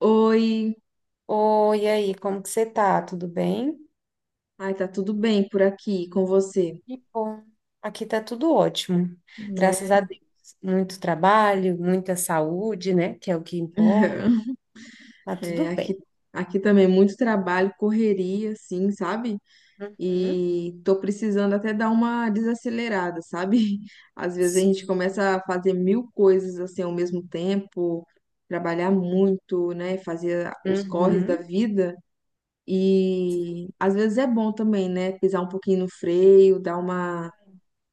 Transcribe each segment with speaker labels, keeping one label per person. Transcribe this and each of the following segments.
Speaker 1: Oi,
Speaker 2: Oi, e aí, como que você tá? Tudo bem?
Speaker 1: ai, tá tudo bem por aqui com você,
Speaker 2: Que bom. Aqui tá tudo ótimo.
Speaker 1: não
Speaker 2: Graças
Speaker 1: é?
Speaker 2: a Deus. Muito trabalho, muita saúde, né? Que é o que importa. Tá
Speaker 1: É,
Speaker 2: tudo bem.
Speaker 1: aqui, aqui também muito trabalho, correria, assim, sabe?
Speaker 2: Uhum.
Speaker 1: E tô precisando até dar uma desacelerada, sabe? Às vezes a
Speaker 2: Sim.
Speaker 1: gente começa a fazer mil coisas assim ao mesmo tempo, trabalhar muito, né? Fazer os corres da
Speaker 2: Uhum.
Speaker 1: vida.
Speaker 2: Sim,
Speaker 1: E às vezes é bom também, né? Pisar um pouquinho no freio, dar uma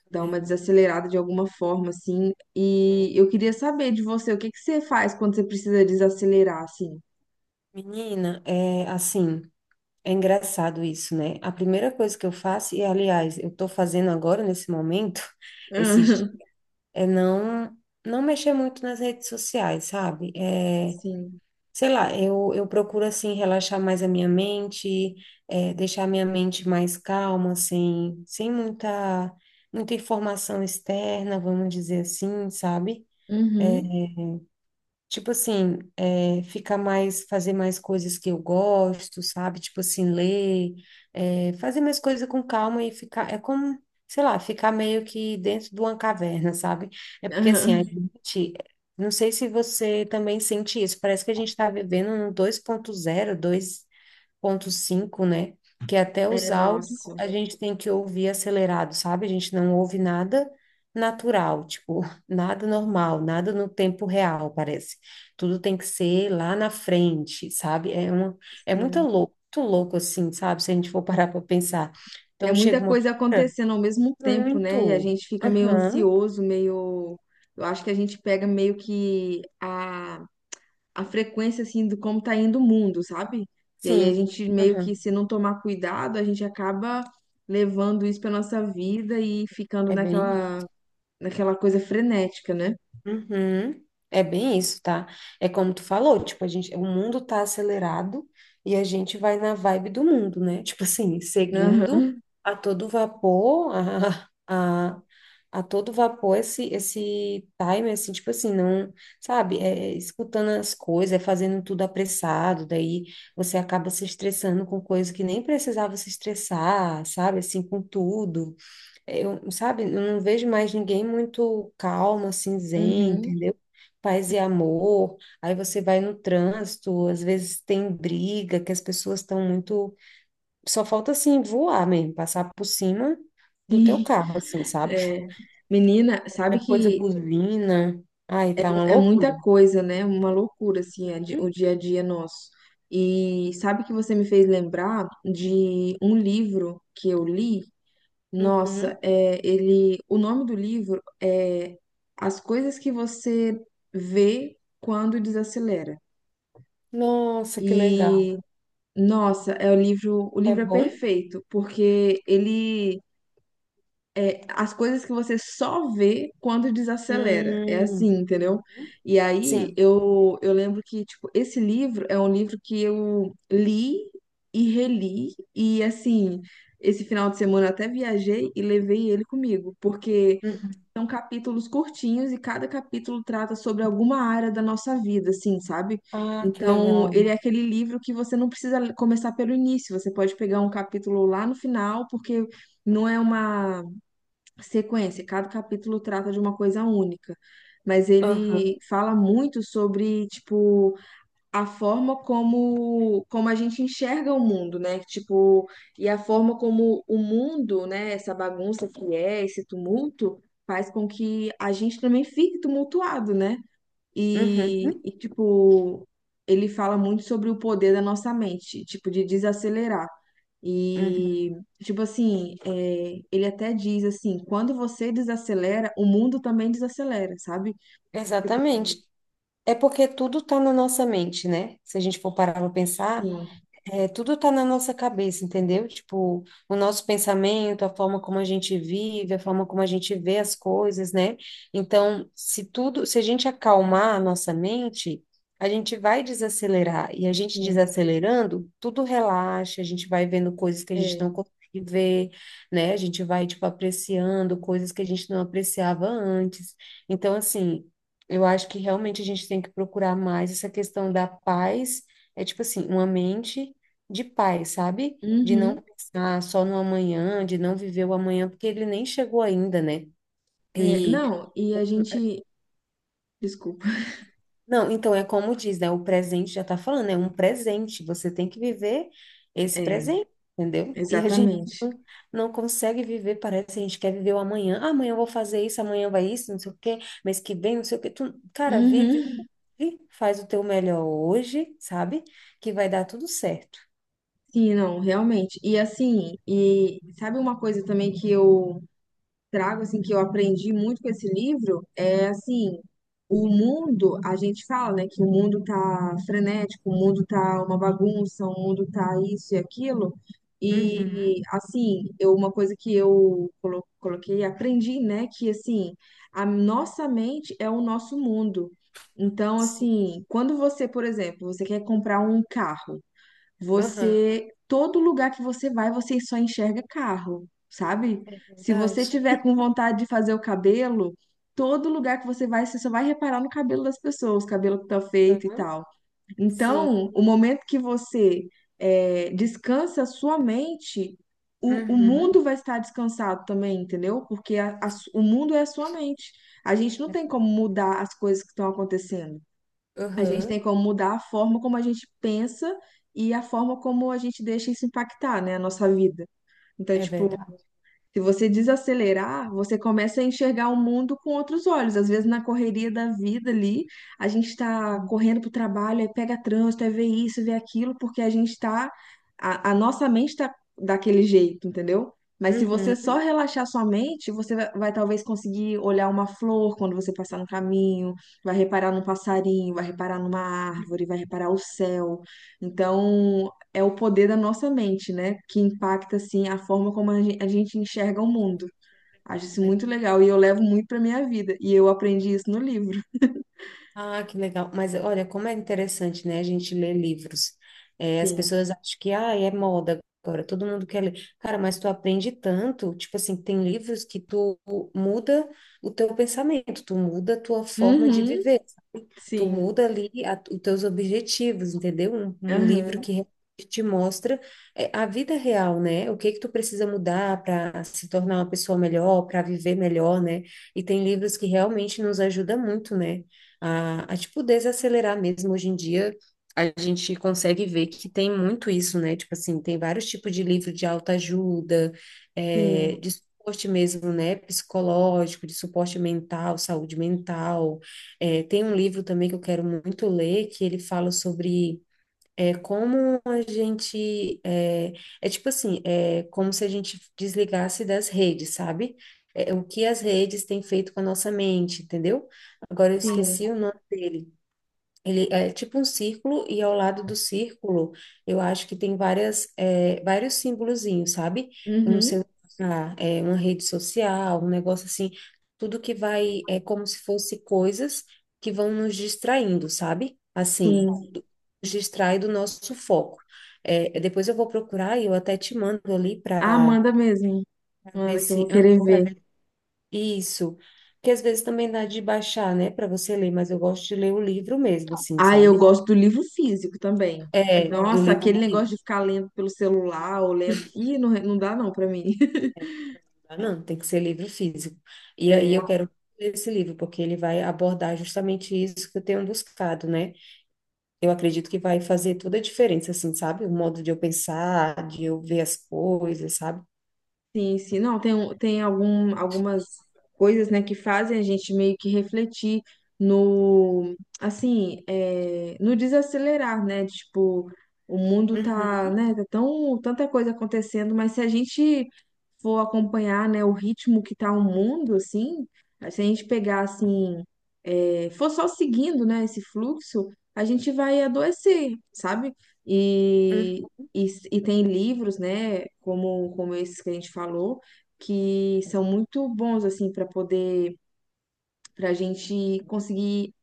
Speaker 1: dar uma
Speaker 2: né?
Speaker 1: desacelerada de alguma forma, assim. E eu queria saber de você, o que que você faz quando você precisa desacelerar, assim?
Speaker 2: Menina, é assim, é engraçado isso, né? A primeira coisa que eu faço, e aliás, eu tô fazendo agora nesse momento, esses, é não mexer muito nas redes sociais, sabe? É
Speaker 1: Sim.
Speaker 2: sei lá, eu procuro assim relaxar mais a minha mente, deixar a minha mente mais calma, sem muita, muita informação externa, vamos dizer assim, sabe?
Speaker 1: Uhum.
Speaker 2: Tipo assim, é, ficar mais, fazer mais coisas que eu gosto, sabe? Tipo assim, ler, é, fazer mais coisas com calma e ficar, é como, sei lá, ficar meio que dentro de uma caverna, sabe? É porque assim, a
Speaker 1: Aham.
Speaker 2: gente, não sei se você também sente isso, parece que a gente está vivendo no 2.0, ponto 5 né? Que é até os
Speaker 1: É,
Speaker 2: áudios
Speaker 1: nossa.
Speaker 2: a gente tem que ouvir acelerado, sabe? A gente não ouve nada natural, tipo, nada normal, nada no tempo real, parece. Tudo tem que ser lá na frente, sabe? É uma, é
Speaker 1: Sim.
Speaker 2: muito louco assim, sabe? Se a gente for parar para pensar.
Speaker 1: É
Speaker 2: Então
Speaker 1: muita
Speaker 2: chega uma
Speaker 1: coisa
Speaker 2: hora
Speaker 1: acontecendo ao mesmo tempo, né? E a
Speaker 2: muito.
Speaker 1: gente fica meio
Speaker 2: Aham,
Speaker 1: ansioso, meio. Eu acho que a gente pega meio que a frequência, assim, do como tá indo o mundo, sabe? E aí a
Speaker 2: sim.
Speaker 1: gente meio que,
Speaker 2: Aham.
Speaker 1: se não tomar cuidado, a gente acaba levando isso pra nossa vida e ficando
Speaker 2: É bem.
Speaker 1: naquela coisa frenética, né?
Speaker 2: Uhum. É bem isso, tá? É como tu falou, tipo, a gente, o mundo tá acelerado e a gente vai na vibe do mundo, né? Tipo assim,
Speaker 1: Aham,
Speaker 2: seguindo a todo vapor, a todo vapor esse, esse time, assim, tipo assim, não, sabe? É, é escutando as coisas, é fazendo tudo apressado, daí você acaba se estressando com coisa que nem precisava se estressar, sabe? Assim, com tudo. Eu, sabe, eu não vejo mais ninguém muito calmo, assim, zen,
Speaker 1: uhum,
Speaker 2: entendeu? Paz e amor. Aí você vai no trânsito, às vezes tem briga, que as pessoas estão muito. Só falta, assim, voar mesmo, passar por cima do teu
Speaker 1: sim.
Speaker 2: carro, assim, sabe?
Speaker 1: É. Menina, sabe
Speaker 2: Qualquer coisa
Speaker 1: que
Speaker 2: buzina. Ai, tá uma
Speaker 1: é muita
Speaker 2: loucura.
Speaker 1: coisa, né? Uma loucura, assim, o
Speaker 2: Uhum,
Speaker 1: dia a dia nosso. E sabe que você me fez lembrar de um livro que eu li? Nossa,
Speaker 2: uhum.
Speaker 1: é, ele, o nome do livro é As Coisas que Você Vê Quando Desacelera.
Speaker 2: Nossa, que legal.
Speaker 1: E, nossa, é o
Speaker 2: É
Speaker 1: livro é
Speaker 2: bom?
Speaker 1: perfeito, porque ele é, as coisas que você só vê quando desacelera. É assim,
Speaker 2: Hum,
Speaker 1: entendeu? E aí
Speaker 2: sim.
Speaker 1: eu lembro que, tipo, esse livro é um livro que eu li e reli, e assim, esse final de semana eu até viajei e levei ele comigo, porque
Speaker 2: Uhum.
Speaker 1: são capítulos curtinhos e cada capítulo trata sobre alguma área da nossa vida, assim, sabe?
Speaker 2: Ah, que
Speaker 1: Então,
Speaker 2: legal.
Speaker 1: ele é aquele livro que você não precisa começar pelo início, você pode pegar um capítulo lá no final, porque não é uma sequência. Cada capítulo trata de uma coisa única, mas
Speaker 2: Aham.
Speaker 1: ele fala muito sobre, tipo, a forma como a gente enxerga o mundo, né? Tipo, e a forma como o mundo, né, essa bagunça que é, esse tumulto, faz com que a gente também fique tumultuado, né?
Speaker 2: Uhum.
Speaker 1: Tipo, ele fala muito sobre o poder da nossa mente, tipo, de desacelerar.
Speaker 2: Uhum.
Speaker 1: E, tipo assim, é, ele até diz assim, quando você desacelera, o mundo também desacelera, sabe? Tipo,
Speaker 2: Exatamente. É porque tudo está na nossa mente, né? Se a gente for parar para pensar,
Speaker 1: sim,
Speaker 2: é, tudo tá na nossa cabeça, entendeu? Tipo, o nosso pensamento, a forma como a gente vive, a forma como a gente vê as coisas, né? Então, se tudo, se a gente acalmar a nossa mente, a gente vai desacelerar. E a gente
Speaker 1: sim,
Speaker 2: desacelerando, tudo relaxa, a gente vai vendo coisas que a gente não
Speaker 1: é.
Speaker 2: consegue ver, né? A gente vai, tipo, apreciando coisas que a gente não apreciava antes. Então, assim, eu acho que realmente a gente tem que procurar mais essa questão da paz. É tipo assim, uma mente de paz, sabe? De não
Speaker 1: Uhum,
Speaker 2: pensar só no amanhã, de não viver o amanhã, porque ele nem chegou ainda, né?
Speaker 1: é,
Speaker 2: E
Speaker 1: não, e a gente, desculpa,
Speaker 2: não, então é como diz, né? O presente já tá falando, é um presente, você tem que viver esse
Speaker 1: é,
Speaker 2: presente, entendeu? E a gente
Speaker 1: exatamente.
Speaker 2: não, não consegue viver, parece que a gente quer viver o amanhã. Ah, amanhã eu vou fazer isso, amanhã vai isso, não sei o quê, mês que vem, não sei o quê. Tu, cara, vive,
Speaker 1: Uhum.
Speaker 2: e faz o teu melhor hoje, sabe? Que vai dar tudo certo.
Speaker 1: Sim, não, realmente. E assim, e sabe uma coisa também que eu trago assim que eu aprendi muito com esse livro é assim, o mundo, a gente fala, né, que o mundo tá frenético, o mundo tá uma bagunça, o mundo tá isso e aquilo.
Speaker 2: Uhum.
Speaker 1: E assim, eu, uma coisa que coloquei, aprendi, né, que assim, a nossa mente é o nosso mundo. Então,
Speaker 2: Sim.
Speaker 1: assim, quando você, por exemplo, você quer comprar um carro,
Speaker 2: Aham,
Speaker 1: você, todo lugar que você vai, você só enxerga carro, sabe?
Speaker 2: é
Speaker 1: Se você
Speaker 2: verdade.
Speaker 1: tiver com vontade de fazer o cabelo, todo lugar que você vai, você só vai reparar no cabelo das pessoas, o cabelo que tá feito e tal.
Speaker 2: Sim.
Speaker 1: Então, o momento que você é, descansa a sua mente, o
Speaker 2: Uhum.
Speaker 1: mundo vai estar descansado também, entendeu? Porque o mundo é a sua mente. A gente não tem como mudar as coisas que estão acontecendo. A gente
Speaker 2: Uhum.
Speaker 1: tem como mudar a forma como a gente pensa e a forma como a gente deixa isso impactar, né, a nossa vida. Então,
Speaker 2: É
Speaker 1: tipo,
Speaker 2: verdade.
Speaker 1: se você desacelerar, você começa a enxergar o mundo com outros olhos. Às vezes, na correria da vida ali, a gente está
Speaker 2: Uhum.
Speaker 1: correndo para o trabalho, aí pega trânsito, aí vê isso, vê aquilo, porque a gente está. A nossa mente está daquele jeito, entendeu? Mas se você
Speaker 2: Uhum.
Speaker 1: só relaxar sua mente, vai talvez conseguir olhar uma flor quando você passar no caminho, vai reparar num passarinho, vai reparar numa árvore, vai reparar o céu. Então, é o poder da nossa mente, né? Que impacta, assim, a forma como a gente enxerga o mundo. Acho
Speaker 2: Tudo,
Speaker 1: isso
Speaker 2: né?
Speaker 1: muito legal e eu levo muito pra minha vida. E eu aprendi isso no livro.
Speaker 2: Ah, que legal. Mas olha, como é interessante, né? A gente ler livros. É, as
Speaker 1: Sim.
Speaker 2: pessoas acham que, ah, é moda agora, todo mundo quer ler. Cara, mas tu aprende tanto, tipo assim, tem livros que tu muda o teu pensamento, tu muda a tua forma de
Speaker 1: Uhum.
Speaker 2: viver. Tu
Speaker 1: Sim.
Speaker 2: muda ali os teus objetivos, entendeu? Um livro
Speaker 1: Aham.
Speaker 2: que realmente te mostra é, a vida real, né? O que que tu precisa mudar para se tornar uma pessoa melhor, para viver melhor, né? E tem livros que realmente nos ajudam muito, né? A tipo desacelerar mesmo hoje em dia. A gente consegue ver que tem muito isso, né? Tipo assim, tem vários tipos de livro de autoajuda, é,
Speaker 1: Sim.
Speaker 2: de suporte mesmo, né? Psicológico, de suporte mental, saúde mental. É, tem um livro também que eu quero muito ler, que ele fala sobre é, como a gente. É, é tipo assim, é como se a gente desligasse das redes, sabe? É, o que as redes têm feito com a nossa mente, entendeu? Agora eu
Speaker 1: Sim.
Speaker 2: esqueci o nome dele. Ele é tipo um círculo e ao lado do círculo eu acho que tem várias, é, vários símbolozinhos, sabe? Um
Speaker 1: Uhum.
Speaker 2: celular, é, uma rede social, um negócio assim, tudo que vai, é como se fosse coisas que vão nos distraindo, sabe? Assim,
Speaker 1: Sim.
Speaker 2: nos distrai do nosso foco. É, depois eu vou procurar e eu até te mando ali
Speaker 1: Ah,
Speaker 2: para
Speaker 1: manda mesmo.
Speaker 2: ver
Speaker 1: Manda que eu vou
Speaker 2: se,
Speaker 1: querer
Speaker 2: para
Speaker 1: ver.
Speaker 2: ver isso, que às vezes também dá de baixar, né, para você ler, mas eu gosto de ler o livro mesmo, assim,
Speaker 1: Ah, eu
Speaker 2: sabe?
Speaker 1: gosto do livro físico também.
Speaker 2: É, do
Speaker 1: Nossa,
Speaker 2: livro
Speaker 1: aquele negócio
Speaker 2: físico,
Speaker 1: de ficar lendo pelo celular ou lendo. Ih, não, não dá não pra mim.
Speaker 2: tá? Não, tem que ser livro físico. E aí
Speaker 1: É.
Speaker 2: eu quero ler esse livro, porque ele vai abordar justamente isso que eu tenho buscado, né? Eu acredito que vai fazer toda a diferença, assim, sabe? O modo de eu pensar, de eu ver as coisas, sabe?
Speaker 1: Sim, sim. Não, tem, tem algumas coisas, né, que fazem a gente meio que refletir no, assim, é, no desacelerar, né? Tipo, o mundo
Speaker 2: Uhum,
Speaker 1: tá, né, tá tão, tanta coisa acontecendo, mas se a gente for acompanhar, né, o ritmo que tá o mundo, assim, se a gente pegar, assim, for só seguindo, né, esse fluxo, a gente vai adoecer, sabe?
Speaker 2: uhum,
Speaker 1: E, e, e tem livros, né, como, como esses que a gente falou, que são muito bons, assim, para poder, para a gente conseguir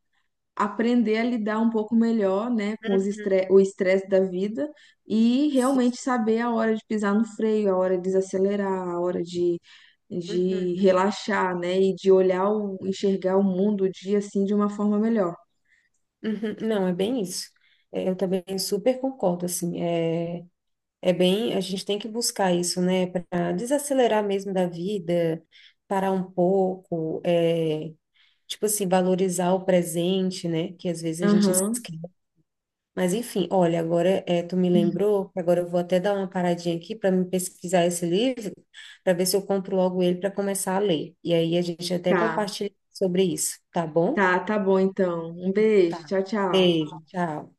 Speaker 1: aprender a lidar um pouco melhor, né, com os
Speaker 2: uhum,
Speaker 1: estre o estresse da vida e
Speaker 2: sim,
Speaker 1: realmente saber a hora de pisar no freio, a hora de desacelerar, a hora de.
Speaker 2: uhum,
Speaker 1: De relaxar, né, e de olhar o, enxergar o mundo o dia assim de uma forma melhor.
Speaker 2: uhum. Não, é bem isso. É, eu também super concordo, assim, é, é bem, a gente tem que buscar isso, né, para desacelerar mesmo da vida, parar um pouco, é, tipo assim, valorizar o presente, né? Que às vezes a gente
Speaker 1: Aham,
Speaker 2: esquece. Mas enfim, olha, agora é, tu me lembrou, que agora eu vou até dar uma paradinha aqui para me pesquisar esse livro, para ver se eu compro logo ele para começar a ler. E aí a gente até
Speaker 1: tá.
Speaker 2: compartilha sobre isso, tá bom?
Speaker 1: Tá, tá bom então. Um beijo.
Speaker 2: Tá.
Speaker 1: Tchau, tchau.
Speaker 2: Beijo, tchau.